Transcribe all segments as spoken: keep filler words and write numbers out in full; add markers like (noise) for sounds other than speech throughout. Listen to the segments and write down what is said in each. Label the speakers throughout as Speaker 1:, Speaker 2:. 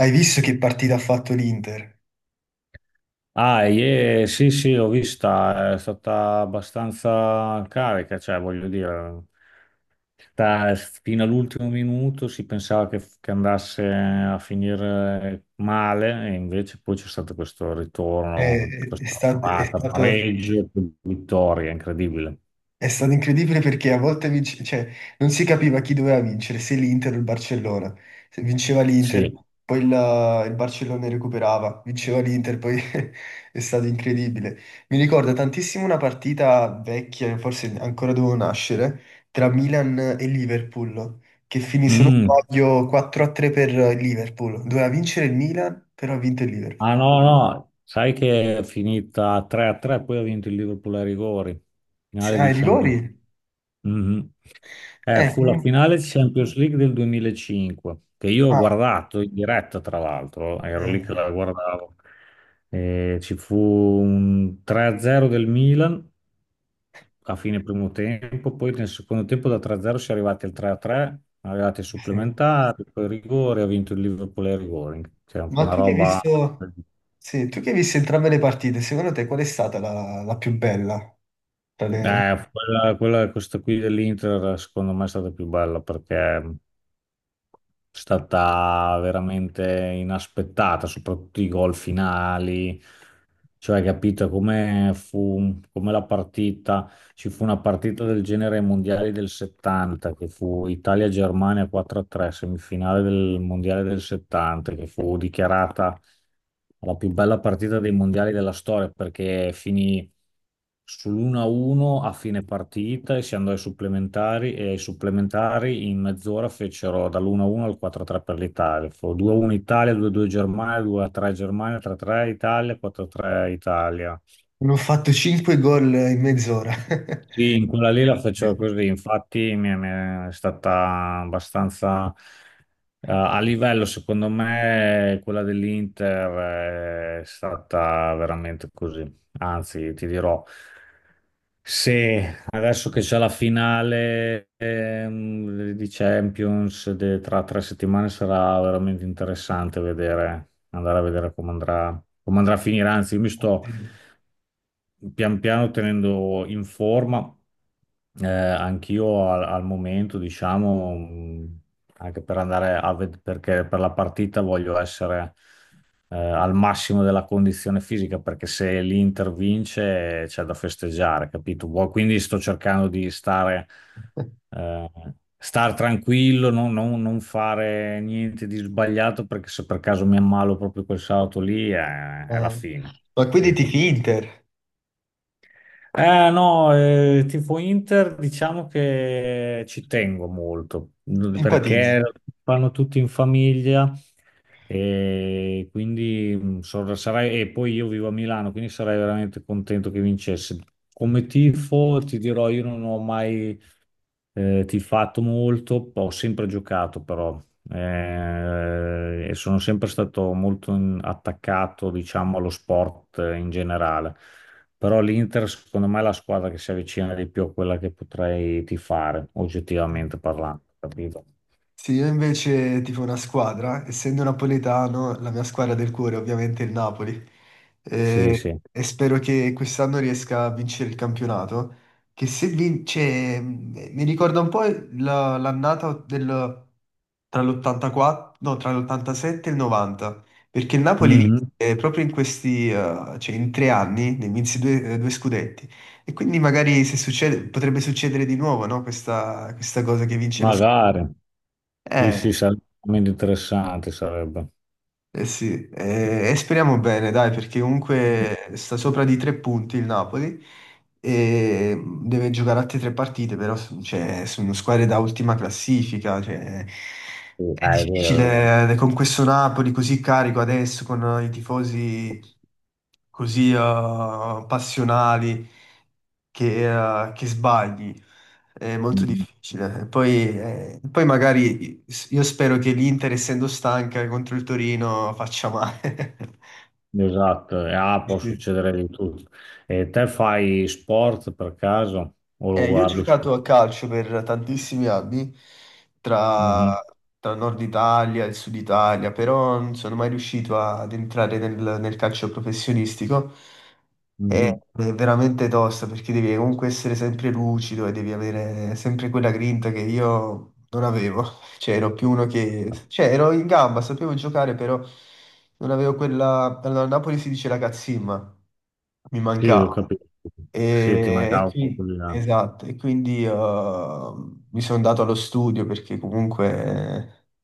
Speaker 1: Hai visto che partita ha fatto l'Inter?
Speaker 2: Ah, ie, sì, sì, l'ho vista, è stata abbastanza carica, cioè voglio dire, da- fino all'ultimo minuto si pensava che, che andasse a finire male e invece poi c'è stato questo
Speaker 1: È,
Speaker 2: ritorno,
Speaker 1: è
Speaker 2: questa
Speaker 1: sta- è
Speaker 2: parata,
Speaker 1: stato,
Speaker 2: pareggio, vittoria, incredibile.
Speaker 1: è stato incredibile perché a volte vince- cioè, non si capiva chi doveva vincere, se l'Inter o il Barcellona. Se vinceva l'Inter,
Speaker 2: Sì.
Speaker 1: poi il, il Barcellona recuperava, vinceva l'Inter, poi (laughs) è stato incredibile. Mi ricorda tantissimo una partita vecchia, forse ancora dovevo nascere, tra Milan e Liverpool, che finì, se non
Speaker 2: Mm.
Speaker 1: sbaglio, quattro a tre per il Liverpool. Doveva vincere il Milan, però ha vinto il Liverpool.
Speaker 2: Ah no, no, sai che è finita tre a tre, poi ha vinto il Liverpool ai rigori,
Speaker 1: Sì,
Speaker 2: finale
Speaker 1: ah,
Speaker 2: di
Speaker 1: i
Speaker 2: Champions.
Speaker 1: rigori?
Speaker 2: Mhm. Eh,
Speaker 1: Eh,
Speaker 2: fu la
Speaker 1: comunque-
Speaker 2: finale di Champions League del duemilacinque, che io ho
Speaker 1: ah,
Speaker 2: guardato in diretta, tra l'altro, ero lì che
Speaker 1: eh,
Speaker 2: la guardavo. Eh, ci fu un tre a zero del Milan a fine primo tempo, poi nel secondo tempo da tre a zero si è arrivati al tre a tre, arrivati ai
Speaker 1: sì.
Speaker 2: supplementari, poi ai rigori, ha vinto il Liverpool ai rigori. Cioè, fu
Speaker 1: Ma
Speaker 2: una
Speaker 1: tu che hai
Speaker 2: roba...
Speaker 1: visto, sì, tu che hai visto entrambe le partite, secondo te qual è stata la, la più bella? Tra le-
Speaker 2: Eh, quella, quella- questa qui dell'Inter secondo me è stata più bella perché è stata veramente inaspettata, soprattutto i gol finali, cioè capito come fu, come la partita. Ci fu una partita del genere ai mondiali del settanta, che fu Italia-Germania quattro a tre, semifinale del mondiale del settanta, che fu dichiarata la più bella partita dei mondiali della storia, perché finì sull'uno a uno a uno a fine partita e si andò ai supplementari e ai supplementari in mezz'ora fecero dall'uno a uno al quattro a tre per l'Italia. Fu due a uno Italia, due a due Germania, due a tre Germania, tre a tre Italia, quattro a tre Italia.
Speaker 1: Hanno fatto cinque gol in mezz'ora.
Speaker 2: Sì,
Speaker 1: (laughs)
Speaker 2: in quella lì la facevo così, infatti mi mi è stata abbastanza eh, a livello, secondo me, quella dell'Inter è stata veramente così. Anzi, ti dirò, se adesso che c'è la finale ehm, di Champions de- tra tre settimane sarà veramente interessante vedere, andare a vedere come andrà, come andrà a finire. Anzi, io mi sto pian piano tenendo in forma eh, anch'io al, al momento, diciamo, mh, anche per andare a vedere, perché per la partita voglio essere eh, al massimo della condizione fisica, perché se l'Inter vince eh, c'è da festeggiare, capito? Vuoi- Quindi sto cercando di stare, eh, star tranquillo, non, non- non fare niente di sbagliato, perché se per caso mi ammalo proprio quel sabato lì, eh, è la
Speaker 1: Eh,
Speaker 2: fine.
Speaker 1: Ma quindi
Speaker 2: Capito?
Speaker 1: tifi Inter,
Speaker 2: Eh no, eh, tifo Inter, diciamo che ci tengo molto, mh,
Speaker 1: simpatizzi.
Speaker 2: perché lo fanno tutti in famiglia e quindi mh, so- sarei, e poi io vivo a Milano, quindi sarei veramente contento che vincesse. Come tifo ti dirò, io non ho mai eh, tifato molto, ho sempre giocato però eh, e sono sempre stato molto in- attaccato, diciamo, allo sport eh, in generale. Però l'Inter, secondo me, è la squadra che si avvicina di più a quella che potrei tifare, oggettivamente parlando, capito?
Speaker 1: Sì, io invece tifo una squadra, essendo napoletano, la mia squadra del cuore ovviamente è ovviamente il Napoli.
Speaker 2: Sì,
Speaker 1: Eh,
Speaker 2: sì.
Speaker 1: e spero che quest'anno riesca a vincere il campionato. Che se vince, m- mi ricorda un po' la- l'annata del, tra l'ottantaquattro, no, tra l'ottantasette e il novanta, perché il Napoli
Speaker 2: Mhm.
Speaker 1: vinse proprio in questi, eh, cioè in tre anni, ne vinse due, eh, due scudetti. E quindi magari se succede, potrebbe succedere di nuovo, no? Questa, questa cosa che vince lo scudetto.
Speaker 2: Magari. Sì,
Speaker 1: Eh,
Speaker 2: sì, sarebbe interessante, sarebbe.
Speaker 1: eh sì, eh, e speriamo bene, dai, perché
Speaker 2: Mm.
Speaker 1: comunque sta sopra di tre punti il Napoli e deve giocare altre tre partite, però s- cioè, sono squadre da ultima classifica, cioè,
Speaker 2: Sì,
Speaker 1: è
Speaker 2: ah, è vero, è vero.
Speaker 1: difficile eh, con questo Napoli così carico adesso, con i tifosi così eh, passionali che, eh, che sbagli.
Speaker 2: Mhm.
Speaker 1: Difficile. Poi, eh, poi magari io spero che l'Inter, essendo stanca contro il Torino, faccia male. (laughs)
Speaker 2: Esatto, e, ah, può
Speaker 1: Sì.
Speaker 2: succedere di tutto. E te fai sport per caso o lo
Speaker 1: Eh, io ho
Speaker 2: guardi
Speaker 1: giocato
Speaker 2: solo?
Speaker 1: a calcio per tantissimi anni, tra,
Speaker 2: Mhm,
Speaker 1: tra Nord Italia e Sud Italia, però non sono mai riuscito ad entrare nel, nel calcio professionistico. È
Speaker 2: mhm.
Speaker 1: è veramente tosta perché devi comunque essere sempre lucido e devi avere sempre quella grinta che io non avevo. (laughs) Cioè, ero più uno che. Cioè, ero in gamba, sapevo giocare, però non avevo quella. Allora, a Napoli si dice la cazzimma, mi
Speaker 2: Sì, ho
Speaker 1: mancava.
Speaker 2: capito. Sì, ti
Speaker 1: E,
Speaker 2: mancava
Speaker 1: e
Speaker 2: un
Speaker 1: qui-
Speaker 2: po' di là.
Speaker 1: esatto, e quindi eh, mi sono dato allo studio perché comunque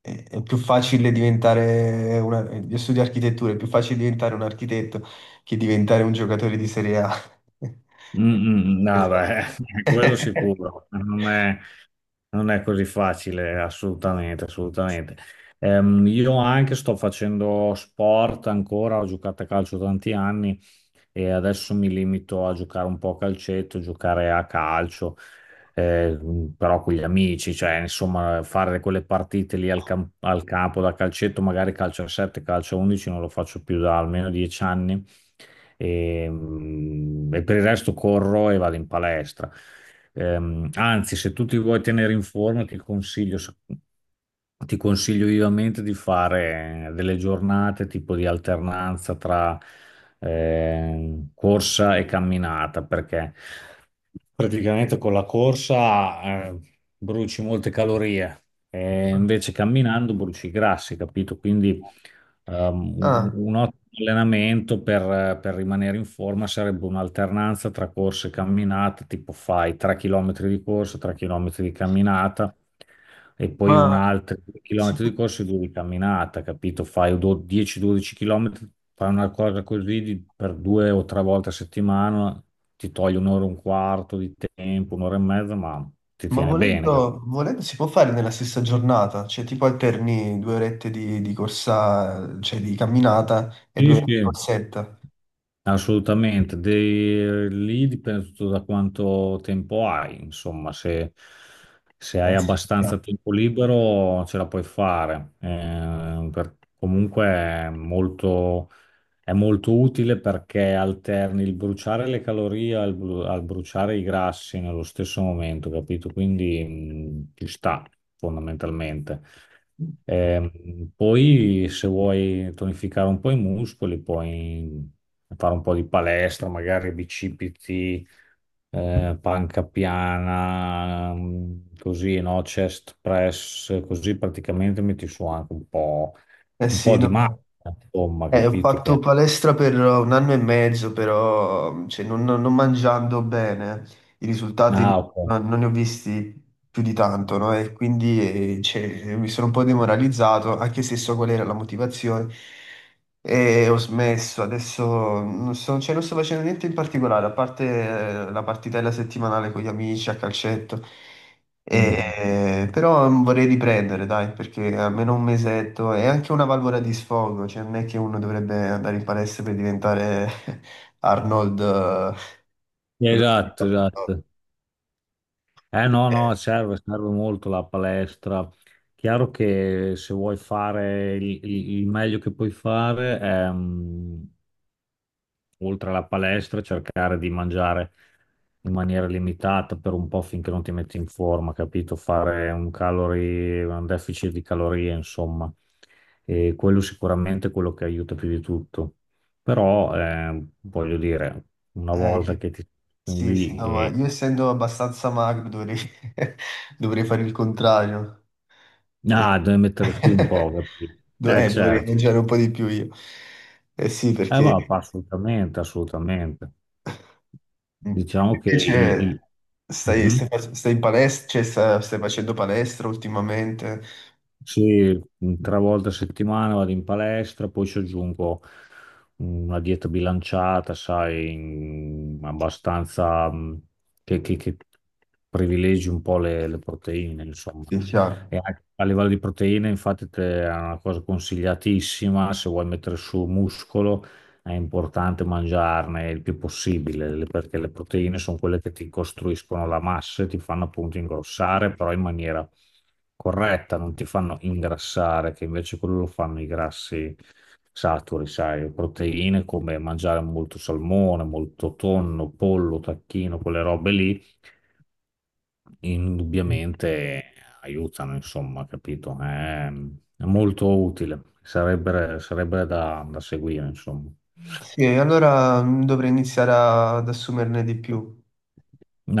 Speaker 1: è, è più facile diventare una, io studio architettura, è più facile diventare un architetto che diventare un giocatore di Serie A. (laughs)
Speaker 2: Mm, mm, no,
Speaker 1: Esatto.
Speaker 2: beh, (laughs) quello
Speaker 1: (laughs)
Speaker 2: sicuro, non è, non è così facile, assolutamente, assolutamente. Ehm, io anche sto facendo sport ancora, ho giocato a calcio tanti anni, e adesso mi limito a giocare un po' a calcetto, giocare a calcio, eh, però con gli amici, cioè insomma fare quelle partite lì al, cam- al campo da calcetto, magari calcio a sette, calcio a undici, non lo faccio più da almeno dieci anni e, mm, e per il resto corro e vado in palestra. Ehm, anzi, se tu ti vuoi tenere in forma, ti consiglio. Ti consiglio vivamente di fare delle giornate tipo di alternanza tra eh, corsa e camminata, perché praticamente con la corsa eh, bruci molte calorie e invece camminando bruci i grassi, capito? Quindi ehm, un,
Speaker 1: Ah,
Speaker 2: un ottimo allenamento per, per rimanere in forma sarebbe un'alternanza tra corse e camminate, tipo fai tre chilometri di corsa, tre chilometri di camminata e poi un
Speaker 1: ma,
Speaker 2: altro 2
Speaker 1: si
Speaker 2: km
Speaker 1: può-
Speaker 2: di corsa e due di camminata, capito? Fai do- dieci dodici km, fai una cosa così di- per due o tre volte a settimana, ti toglie un'ora e un quarto di tempo, un'ora e mezza, ma ti
Speaker 1: ma
Speaker 2: tiene bene. Capito?
Speaker 1: volendo, volendo si può fare nella stessa giornata, cioè tipo alterni due orette di, di corsa, cioè di camminata e due
Speaker 2: Sì,
Speaker 1: orette di
Speaker 2: sì.
Speaker 1: corsetta.
Speaker 2: Assolutamente, De- lì dipende tutto da quanto tempo hai, insomma, se, se hai
Speaker 1: Eh sì, chiaro.
Speaker 2: abbastanza tempo libero ce la puoi fare. Eh, per- comunque è molto, è molto utile perché alterni il bruciare le calorie al, bru- al bruciare i grassi nello stesso momento, capito? Quindi mh, ci sta fondamentalmente. Ehm, poi se vuoi tonificare un po' i muscoli, puoi fare un po' di palestra, magari bicipiti, eh, panca piana, mh, così, no? Chest press, così praticamente metti su anche un po',
Speaker 1: Eh
Speaker 2: un
Speaker 1: sì,
Speaker 2: po' di massa,
Speaker 1: no.
Speaker 2: insomma,
Speaker 1: Eh, ho
Speaker 2: capito
Speaker 1: fatto
Speaker 2: che...
Speaker 1: palestra per un anno e mezzo, però cioè, non, non- non mangiando bene, i risultati
Speaker 2: Ah, ok.
Speaker 1: non, non ne ho visti più di tanto, no? E quindi eh, cioè, mi sono un po' demoralizzato, anche se so qual era la motivazione, e ho smesso. Adesso non so, cioè, non sto facendo niente in particolare, a parte eh, la partitella settimanale con gli amici a calcetto.
Speaker 2: Mhm.
Speaker 1: E- però mm, vorrei riprendere, dai, perché almeno un mesetto è anche una valvola di sfogo, cioè non è che uno dovrebbe andare in palestra per diventare (laughs) Arnold, eh, quello che fa,
Speaker 2: Esatto,
Speaker 1: no?
Speaker 2: esatto. Eh no,
Speaker 1: Eh,
Speaker 2: no, serve, serve molto la palestra. Chiaro che se vuoi fare il, il- il meglio che puoi fare ehm, oltre alla palestra, cercare di mangiare in maniera limitata per un po' finché non ti metti in forma, capito? Fare un calorie, un deficit di calorie, insomma. E quello sicuramente è quello che aiuta più di tutto. Però, eh, voglio dire, una volta
Speaker 1: eh,
Speaker 2: che ti sono
Speaker 1: sì, sì,
Speaker 2: lì
Speaker 1: no, ma
Speaker 2: e...
Speaker 1: io essendo abbastanza magro dovrei, (laughs) dovrei fare il contrario.
Speaker 2: Ah,
Speaker 1: Eh,
Speaker 2: devi mettere su un po',
Speaker 1: (laughs)
Speaker 2: capito?
Speaker 1: do-
Speaker 2: Eh,
Speaker 1: eh, dovrei
Speaker 2: certo.
Speaker 1: mangiare un po' di più io. Eh sì,
Speaker 2: Eh,
Speaker 1: perché.
Speaker 2: va, assolutamente, assolutamente.
Speaker 1: Mm.
Speaker 2: Diciamo che il...
Speaker 1: Invece
Speaker 2: il-
Speaker 1: stai, stai,
Speaker 2: Mhm.
Speaker 1: fac- stai in palestra, cioè sta- stai, facendo palestra ultimamente?
Speaker 2: Sì, mm, tre volte a settimana vado in palestra, poi ci aggiungo una dieta bilanciata, sai, in- abbastanza mm, che, che- che privilegi un po' le, le proteine, insomma.
Speaker 1: Sì, chiaro.
Speaker 2: E anche a livello di proteine, infatti, te- è una cosa consigliatissima, se vuoi mettere su muscolo è importante mangiarne il più possibile, le- perché le proteine sono quelle che ti costruiscono la massa e ti fanno appunto ingrossare, però in maniera corretta, non ti fanno ingrassare, che invece quello lo fanno i grassi saturi, sai, proteine come mangiare molto salmone, molto tonno, pollo, tacchino, quelle robe lì, indubbiamente aiutano, insomma, capito? È, è molto utile, sarebbe, sarebbe da, da seguire, insomma.
Speaker 1: Sì, allora mm, dovrei iniziare a- ad assumerne di più.